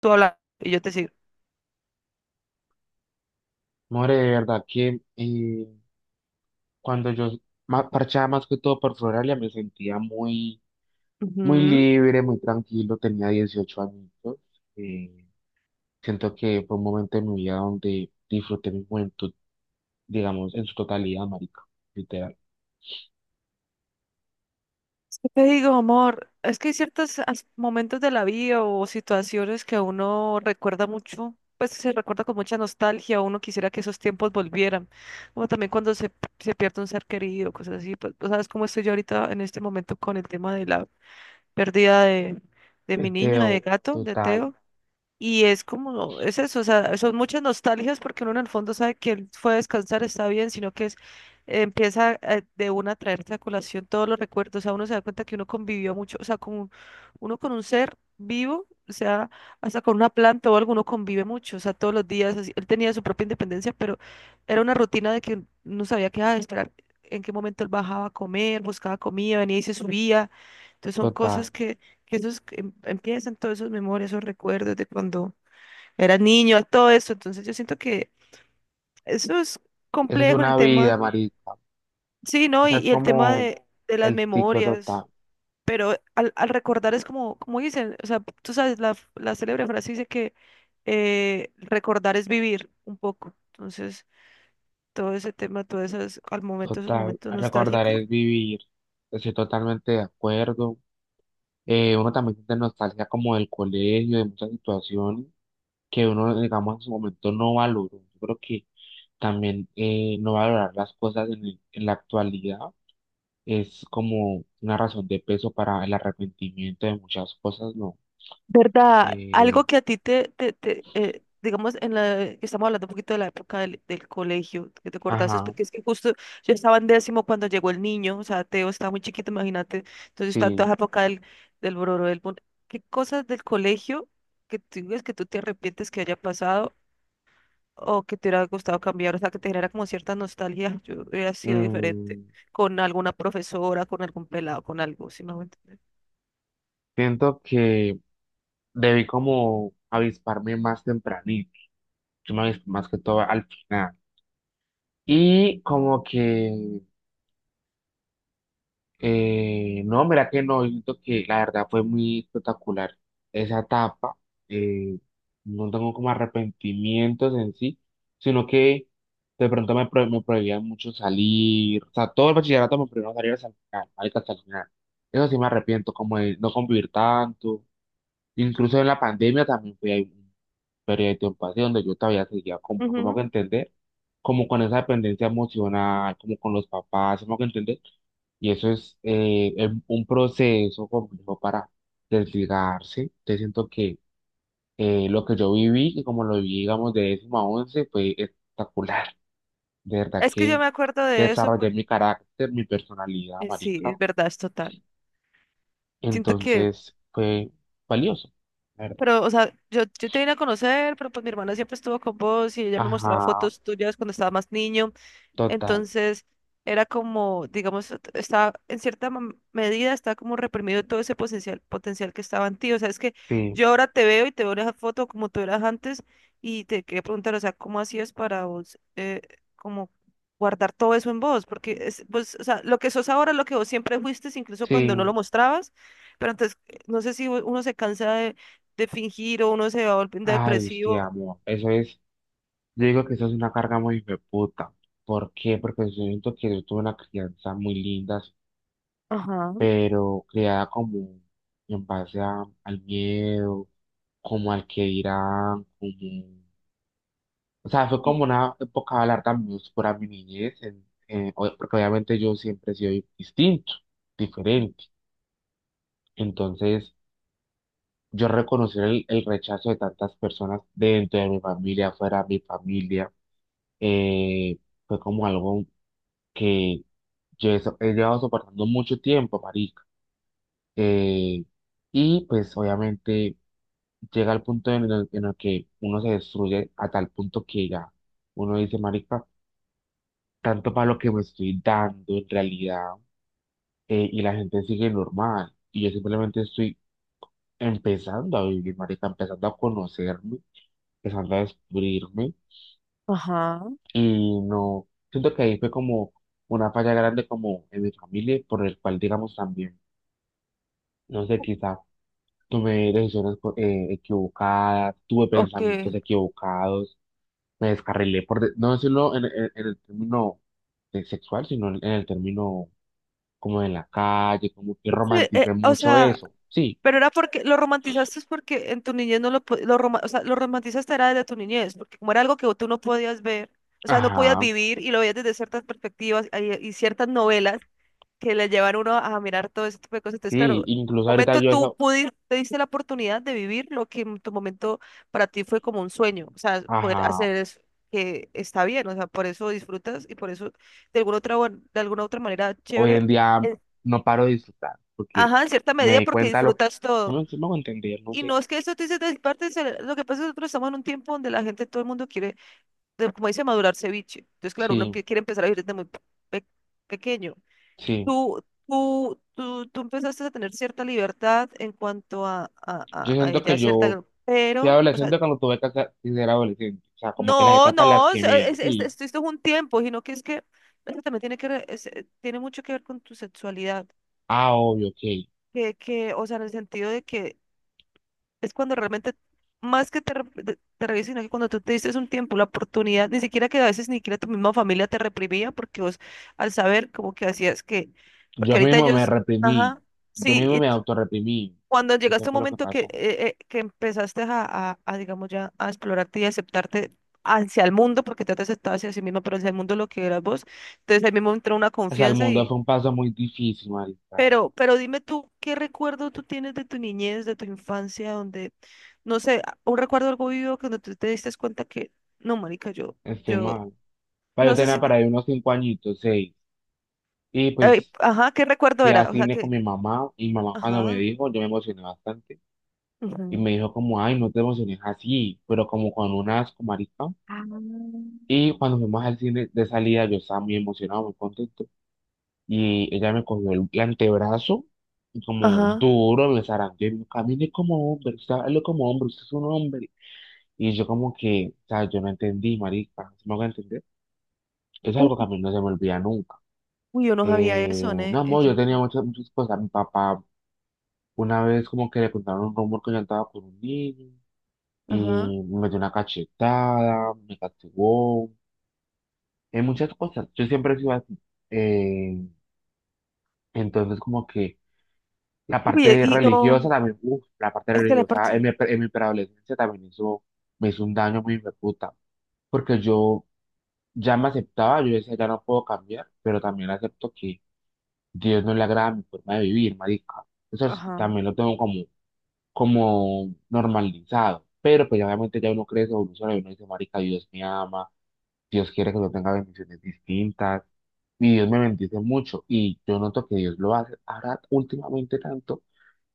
Tú hablas y yo te sigo. More, de verdad que cuando yo parchaba más que todo por Floralia me sentía muy, muy Ujú. libre, muy tranquilo, tenía 18 añitos. eh, siento que fue un momento de mi vida donde disfruté mi juventud, digamos, en su totalidad, marica, literal. Es Te digo, amor, es que hay ciertos momentos de la vida o situaciones que uno recuerda mucho, pues se recuerda con mucha nostalgia, uno quisiera que esos tiempos volvieran, como también se pierde un ser querido, cosas así, pues tú sabes cómo estoy yo ahorita en este momento con el tema de la pérdida de, de mi niño, de Meteo, gato, de total, Teo. Y es como, es eso, o sea, son muchas nostalgias porque uno en el fondo sabe que él fue a descansar, está bien, sino que es, empieza de una a traerte a colación todos los recuerdos, o sea, uno se da cuenta que uno convivió mucho, o sea, uno con un ser vivo, o sea, hasta con una planta o alguno convive mucho, o sea, todos los días, así, él tenía su propia independencia, pero era una rutina de que no sabía qué, ah, esperar en qué momento él bajaba a comer, buscaba comida, venía y se subía, entonces son total. cosas que empiezan todos esos memorias, esos recuerdos de cuando eras niño, todo eso. Entonces yo siento que eso es Esa es complejo el una vida, tema. marica. Sí, O ¿no? Y, sea, es y el tema como de las el ciclo total, memorias. Pero al recordar es como, como dicen, o sea, tú sabes, la célebre frase dice que recordar es vivir un poco. Entonces, todo ese tema, todos esos, al momento, esos total. momentos Recordar nostálgicos. es vivir. Estoy totalmente de acuerdo. Uno también siente nostalgia como del colegio, de muchas situaciones que uno, digamos, en su momento no valoró. Yo creo que también, no valorar las cosas en la actualidad es como una razón de peso para el arrepentimiento de muchas cosas, ¿no? ¿Verdad? Eh, Algo que a ti digamos, en la, que estamos hablando un poquito de la época del colegio, que te acordaste, ajá, porque es que justo yo estaba en décimo cuando llegó el niño, o sea, Teo estaba muy chiquito, imagínate, entonces tanto sí. esa época del bororo, ¿qué cosas del colegio que tú ves que tú te arrepientes que haya pasado o que te hubiera gustado cambiar, o sea, que te genera como cierta nostalgia, yo hubiera sido diferente Mm, con alguna profesora, con algún pelado, con algo, si me hago entender? siento que debí como avisparme más tempranito. Yo me avispé más que todo al final. Y como que, no, mira que no, yo siento que la verdad fue muy espectacular esa etapa. eh, no tengo como arrepentimientos en sí, sino que de pronto me prohibían mucho salir. O sea, todo el bachillerato me prohibieron salir hasta el final, marica, hasta el final. Eso sí me arrepiento, como de no convivir tanto. Incluso en la pandemia también fui ahí, pero hay tiempos así donde yo todavía seguía como, no me hago Ujú. entender, como con esa dependencia emocional, como con los papás, no me hago entender, y eso es un proceso complejo para desligarse, te siento que lo que yo viví, que como lo viví, digamos, de décimo a once, fue espectacular, de verdad Es que yo que me acuerdo de eso, desarrollé pues. mi carácter, mi personalidad, Sí, marica, es verdad, es total. Siento que, entonces fue valioso, la verdad. pero, o sea, yo te vine a conocer, pero pues mi hermana siempre estuvo con vos y ella me mostraba Ajá, fotos tuyas cuando estaba más niño. total, Entonces era como, digamos, estaba en cierta medida, estaba como reprimido todo ese potencial, potencial que estaba en ti. O sea, es que sí, yo ahora te veo y te veo en esa foto como tú eras antes y te quería preguntar, o sea, ¿cómo hacías para vos, como guardar todo eso en vos? Porque es, pues, o sea, lo que sos ahora, es lo que vos siempre fuiste, incluso cuando no lo sí. mostrabas, pero entonces, no sé si uno se cansa de fingir o uno se va volviendo Ay, sí, depresivo. amor, eso es, yo digo que eso es una carga muy puta. ¿Por qué? Porque yo siento que yo tuve una crianza muy linda, Ajá, pero criada como en base al miedo, como al que dirán, como. O sea, fue como una época larga muy oscura mi niñez, porque obviamente yo siempre he sido distinto, diferente. Entonces, yo reconocer el rechazo de tantas personas dentro de mi familia, fuera de mi familia, eh, fue como algo que yo he llevado soportando mucho tiempo, marica. Eh, y pues obviamente llega al punto en el que uno se destruye a tal punto que ya uno dice, marica, tanto para lo que me estoy dando en realidad, y la gente sigue normal. Y yo simplemente estoy empezando a vivir, marica, empezando a conocerme, empezando a descubrirme. ajá, Y no, siento que ahí fue como una falla grande como en mi familia, por el cual, digamos, también, no sé, quizá tomé decisiones equivocadas, tuve ok. pensamientos equivocados, me descarrilé, por no decirlo en el término, sexual, sino en el término como de la calle, como que Sí, romanticé o mucho sea, eso. Sí, pero era porque lo romantizaste es porque en tu niñez no lo, o sea, lo romantizaste era desde tu niñez, porque como era algo que tú no podías ver, o sea, no podías ajá, vivir y lo veías desde ciertas perspectivas y ciertas novelas que le llevan a uno a mirar todo ese tipo de cosas. Entonces, sí, claro, en un incluso ahorita momento yo tú eso, pudiste, te diste la oportunidad de vivir lo que en tu momento para ti fue como un sueño, o sea, poder ajá, hacer eso que está bien, o sea, por eso disfrutas y por eso de alguna otra, bueno, de alguna otra manera hoy chévere. en día Eh, no paro de disfrutar, porque ajá, en cierta me medida di porque cuenta lo. disfrutas No todo. me, sí me hago entender, no Y sé. no es que eso te dice de mi parte, lo que pasa es que nosotros estamos en un tiempo donde la gente, todo el mundo quiere, como dice, madurar ceviche. Entonces, claro, uno Sí, empie- quiere empezar a vivir desde muy pe- pequeño. sí. Tú empezaste a tener cierta libertad en cuanto a, Yo a, a, a siento ya que cierta, yo fui pero, o sea, adolescente cuando tuve que ser adolescente. O sea, como que las no, etapas las no, quemé. Sí. esto, esto es un tiempo, sino que es que eso también tiene que, tiene mucho que ver con tu sexualidad, Ah, obvio, ok. O sea, en el sentido de que es cuando realmente, más que te revises, sino que cuando tú te diste un tiempo, la oportunidad, ni siquiera que a veces ni siquiera tu misma familia te reprimía, porque vos al saber como que hacías que, porque Yo ahorita mismo me ellos, reprimí. ajá, Yo sí, mismo y me autorreprimí. cuando Eso llegaste a un fue lo que momento pasó. Que empezaste a digamos ya, a explorarte y aceptarte hacia el mundo, porque te has aceptado hacia sí misma, pero hacia el mundo lo que eras vos, entonces ahí mismo entró una O sea, el confianza, mundo fue un paso muy difícil, marica. pero dime tú, ¿qué recuerdo tú tienes de tu niñez, de tu infancia, donde, no sé, un recuerdo algo vivo que no tú te diste cuenta que, no, marica, yo, Estoy yo, mal. Pero yo no sé tenía si, para ahí unos 5 añitos, 6. Y ay, pues ajá, ¿qué recuerdo fui al era? O sea, cine con que, mi mamá. Y mi mamá cuando me ajá, dijo, yo me emocioné bastante. Y ujú, me dijo como, ay, no te emociones así. Pero como con unas, asco, marica. Y cuando fuimos al cine de salida, yo estaba muy emocionado, muy contento. Y ella me cogió el antebrazo y como ajá, duro me zarandeó y me dijo, camine como hombre, usted hable como hombre, usted es un hombre. Y yo como que, o sea, yo no entendí, marica, ¿se me va a entender? Es algo que a uy, mí no se me olvida nunca. uy, yo no sabía Eh, eso, no, ¿eh? Amor, Yo yo no tenía sabía. muchas, muchas cosas. Mi papá una vez como que le contaron un rumor que yo andaba con un niño Ajá, y me dio una cachetada, me castigó, en muchas cosas. Yo siempre he sido así. Eh, Entonces, como que la uy, parte y no, religiosa también, uf, la parte es que la parte, religiosa en en mi preadolescencia también hizo, me hizo un daño muy puta, porque yo ya me aceptaba, yo decía, ya no puedo cambiar, pero también acepto que Dios no le agrada mi forma de vivir, marica. Eso sí, ajá, también lo tengo como, como normalizado, pero pues obviamente ya uno crece, evoluciona y uno dice, marica, Dios me ama, Dios quiere que yo tenga bendiciones distintas. Y Dios me bendice mucho y yo noto que Dios lo hace ahora últimamente tanto.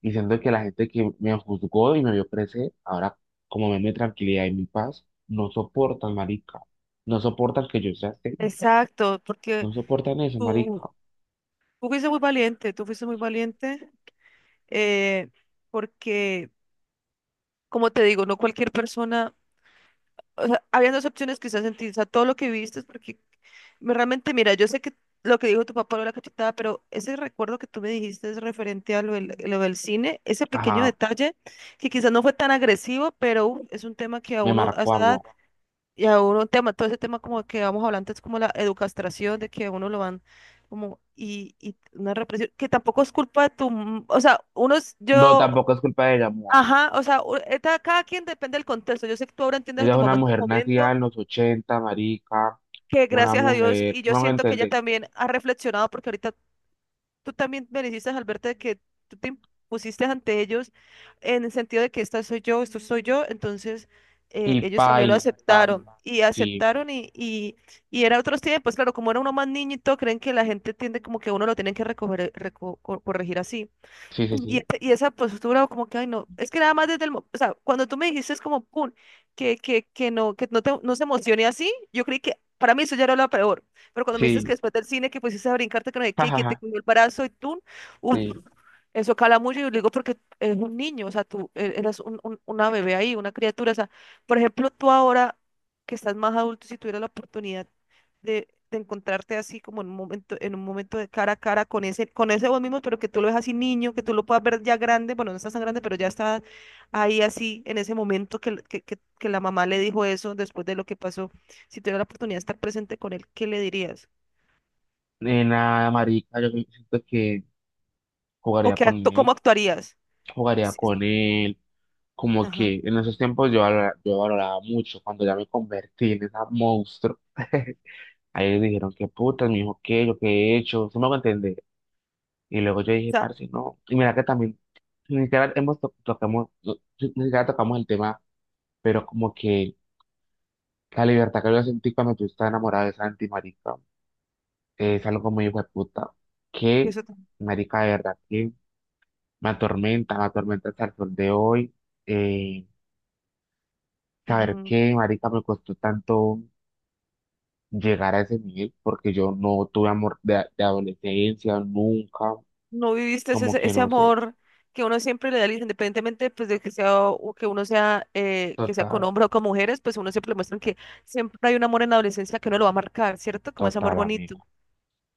Y siento que la gente que me juzgó y me vio crecer, ahora como ven mi tranquilidad y mi paz, no soportan, marica. No soportan que yo sea serio. exacto, porque No soportan eso, marica. tú, tú fuiste muy valiente, tú fuiste muy valiente, eh, porque, como te digo, no cualquier persona, o sea, habían dos opciones quizás en ti, o sea, todo lo que viviste, porque realmente, mira, yo sé que lo que dijo tu papá era la cachetada, pero ese recuerdo que tú me dijiste es referente a lo del cine, ese pequeño Ajá, detalle que quizás no fue tan agresivo, pero uf, es un tema que a me uno a marcó, esa edad amor. y a uno tema, todo ese tema como que vamos hablando es como la educastración, de que a uno lo van como, y una represión, que tampoco es culpa de tu, o sea, uno, No, yo... tampoco es culpa de ella, amor. Ajá, o sea, cada quien depende del contexto. Yo sé que tú ahora entiendes a Ella es tu una momento, mujer nacida momento en los 80, marica. que Una gracias a Dios, mujer, y ¿tú yo me vas a siento que ella entender? también ha reflexionado, porque ahorita tú también me dijiste, Alberto, de que tú te impusiste ante ellos en el sentido de que esta soy yo, esto soy yo, entonces Y ellos también lo baila, y aceptaron baila. y Sí, aceptaron y era otros tiempos, claro, como era uno más niñito, creen que la gente tiende como que a uno lo tienen que recoger, corregir así. sí, sí, Y, sí. y esa postura como que, ay, no, es que nada más desde el, o sea, cuando tú me dijiste es como, pum, que no, que no, te, no se emocione así, yo creí que, para mí eso ya era lo peor, pero cuando me dices que Sí, después del cine que pusiste a brincarte que no sé qué, y que jajaja, te cogió el brazo y tú, uf, sí. eso cala mucho, y yo le digo porque es un niño, o sea, tú eras una bebé ahí, una criatura, o sea, por ejemplo, tú ahora que estás más adulto, si tuvieras la oportunidad de encontrarte así como en un momento de cara a cara con ese vos mismo, pero que tú lo ves así niño, que tú lo puedas ver ya grande, bueno, no estás tan grande, pero ya está ahí así en ese momento que la mamá le dijo eso después de lo que pasó. Si tuvieras la oportunidad de estar presente con él, ¿qué le dirías? Nena marica, yo siento que ¿O jugaría qué con acto, cómo él. actuarías? Jugaría Sí, con él como ajá. O que en esos tiempos yo valoraba mucho cuando ya me convertí en esa monstruo. Ahí ellos dijeron, qué putas, mi hijo, qué, yo qué he hecho, se me va a entender. Y luego yo dije, sea, parce, no. Y mira que también, ni siquiera hemos tocamos, sí, ni siquiera tocamos el tema, pero como que la libertad que yo sentí cuando tú estás enamorada de Santi, marica, es algo muy hijo de puta. Que, eso, marica, de verdad, que me atormenta hasta el sol de hoy. Eh, Saber que, marica, me costó tanto llegar a ese nivel porque yo no tuve amor de adolescencia, nunca, no viviste como ese, que ese no sé. amor que uno siempre le da, independientemente pues, de que sea o que uno sea, que sea con Total, hombres o con mujeres, pues uno siempre le muestran que siempre hay un amor en la adolescencia que uno lo va a marcar, ¿cierto? Como ese amor total, bonito. amiga.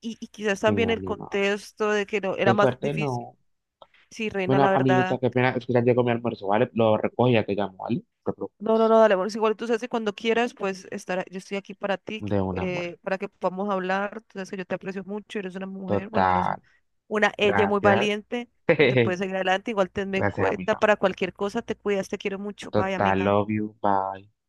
Y quizás Sí, también el amiga. contexto de que no, era Qué más fuerte, difícil. no. Sí, reina, Bueno, la amiguita, verdad. qué pena, es que ya llegó mi almuerzo, ¿vale? Lo recojo y ya te llamo, ¿vale? Te preocu-. No, no, no, dale, amor. Igual tú sabes que cuando quieras, pues estar, yo estoy aquí para ti, De un amor. Para que podamos hablar. Tú sabes que yo te aprecio mucho, eres una mujer, bueno, eres Total, una ella muy gracias. valiente, donde puedes seguir adelante. Igual tenme en Gracias, cuenta amiga. para cualquier cosa, te cuidas, te quiero mucho. Bye, Total, amiga. love you, bye.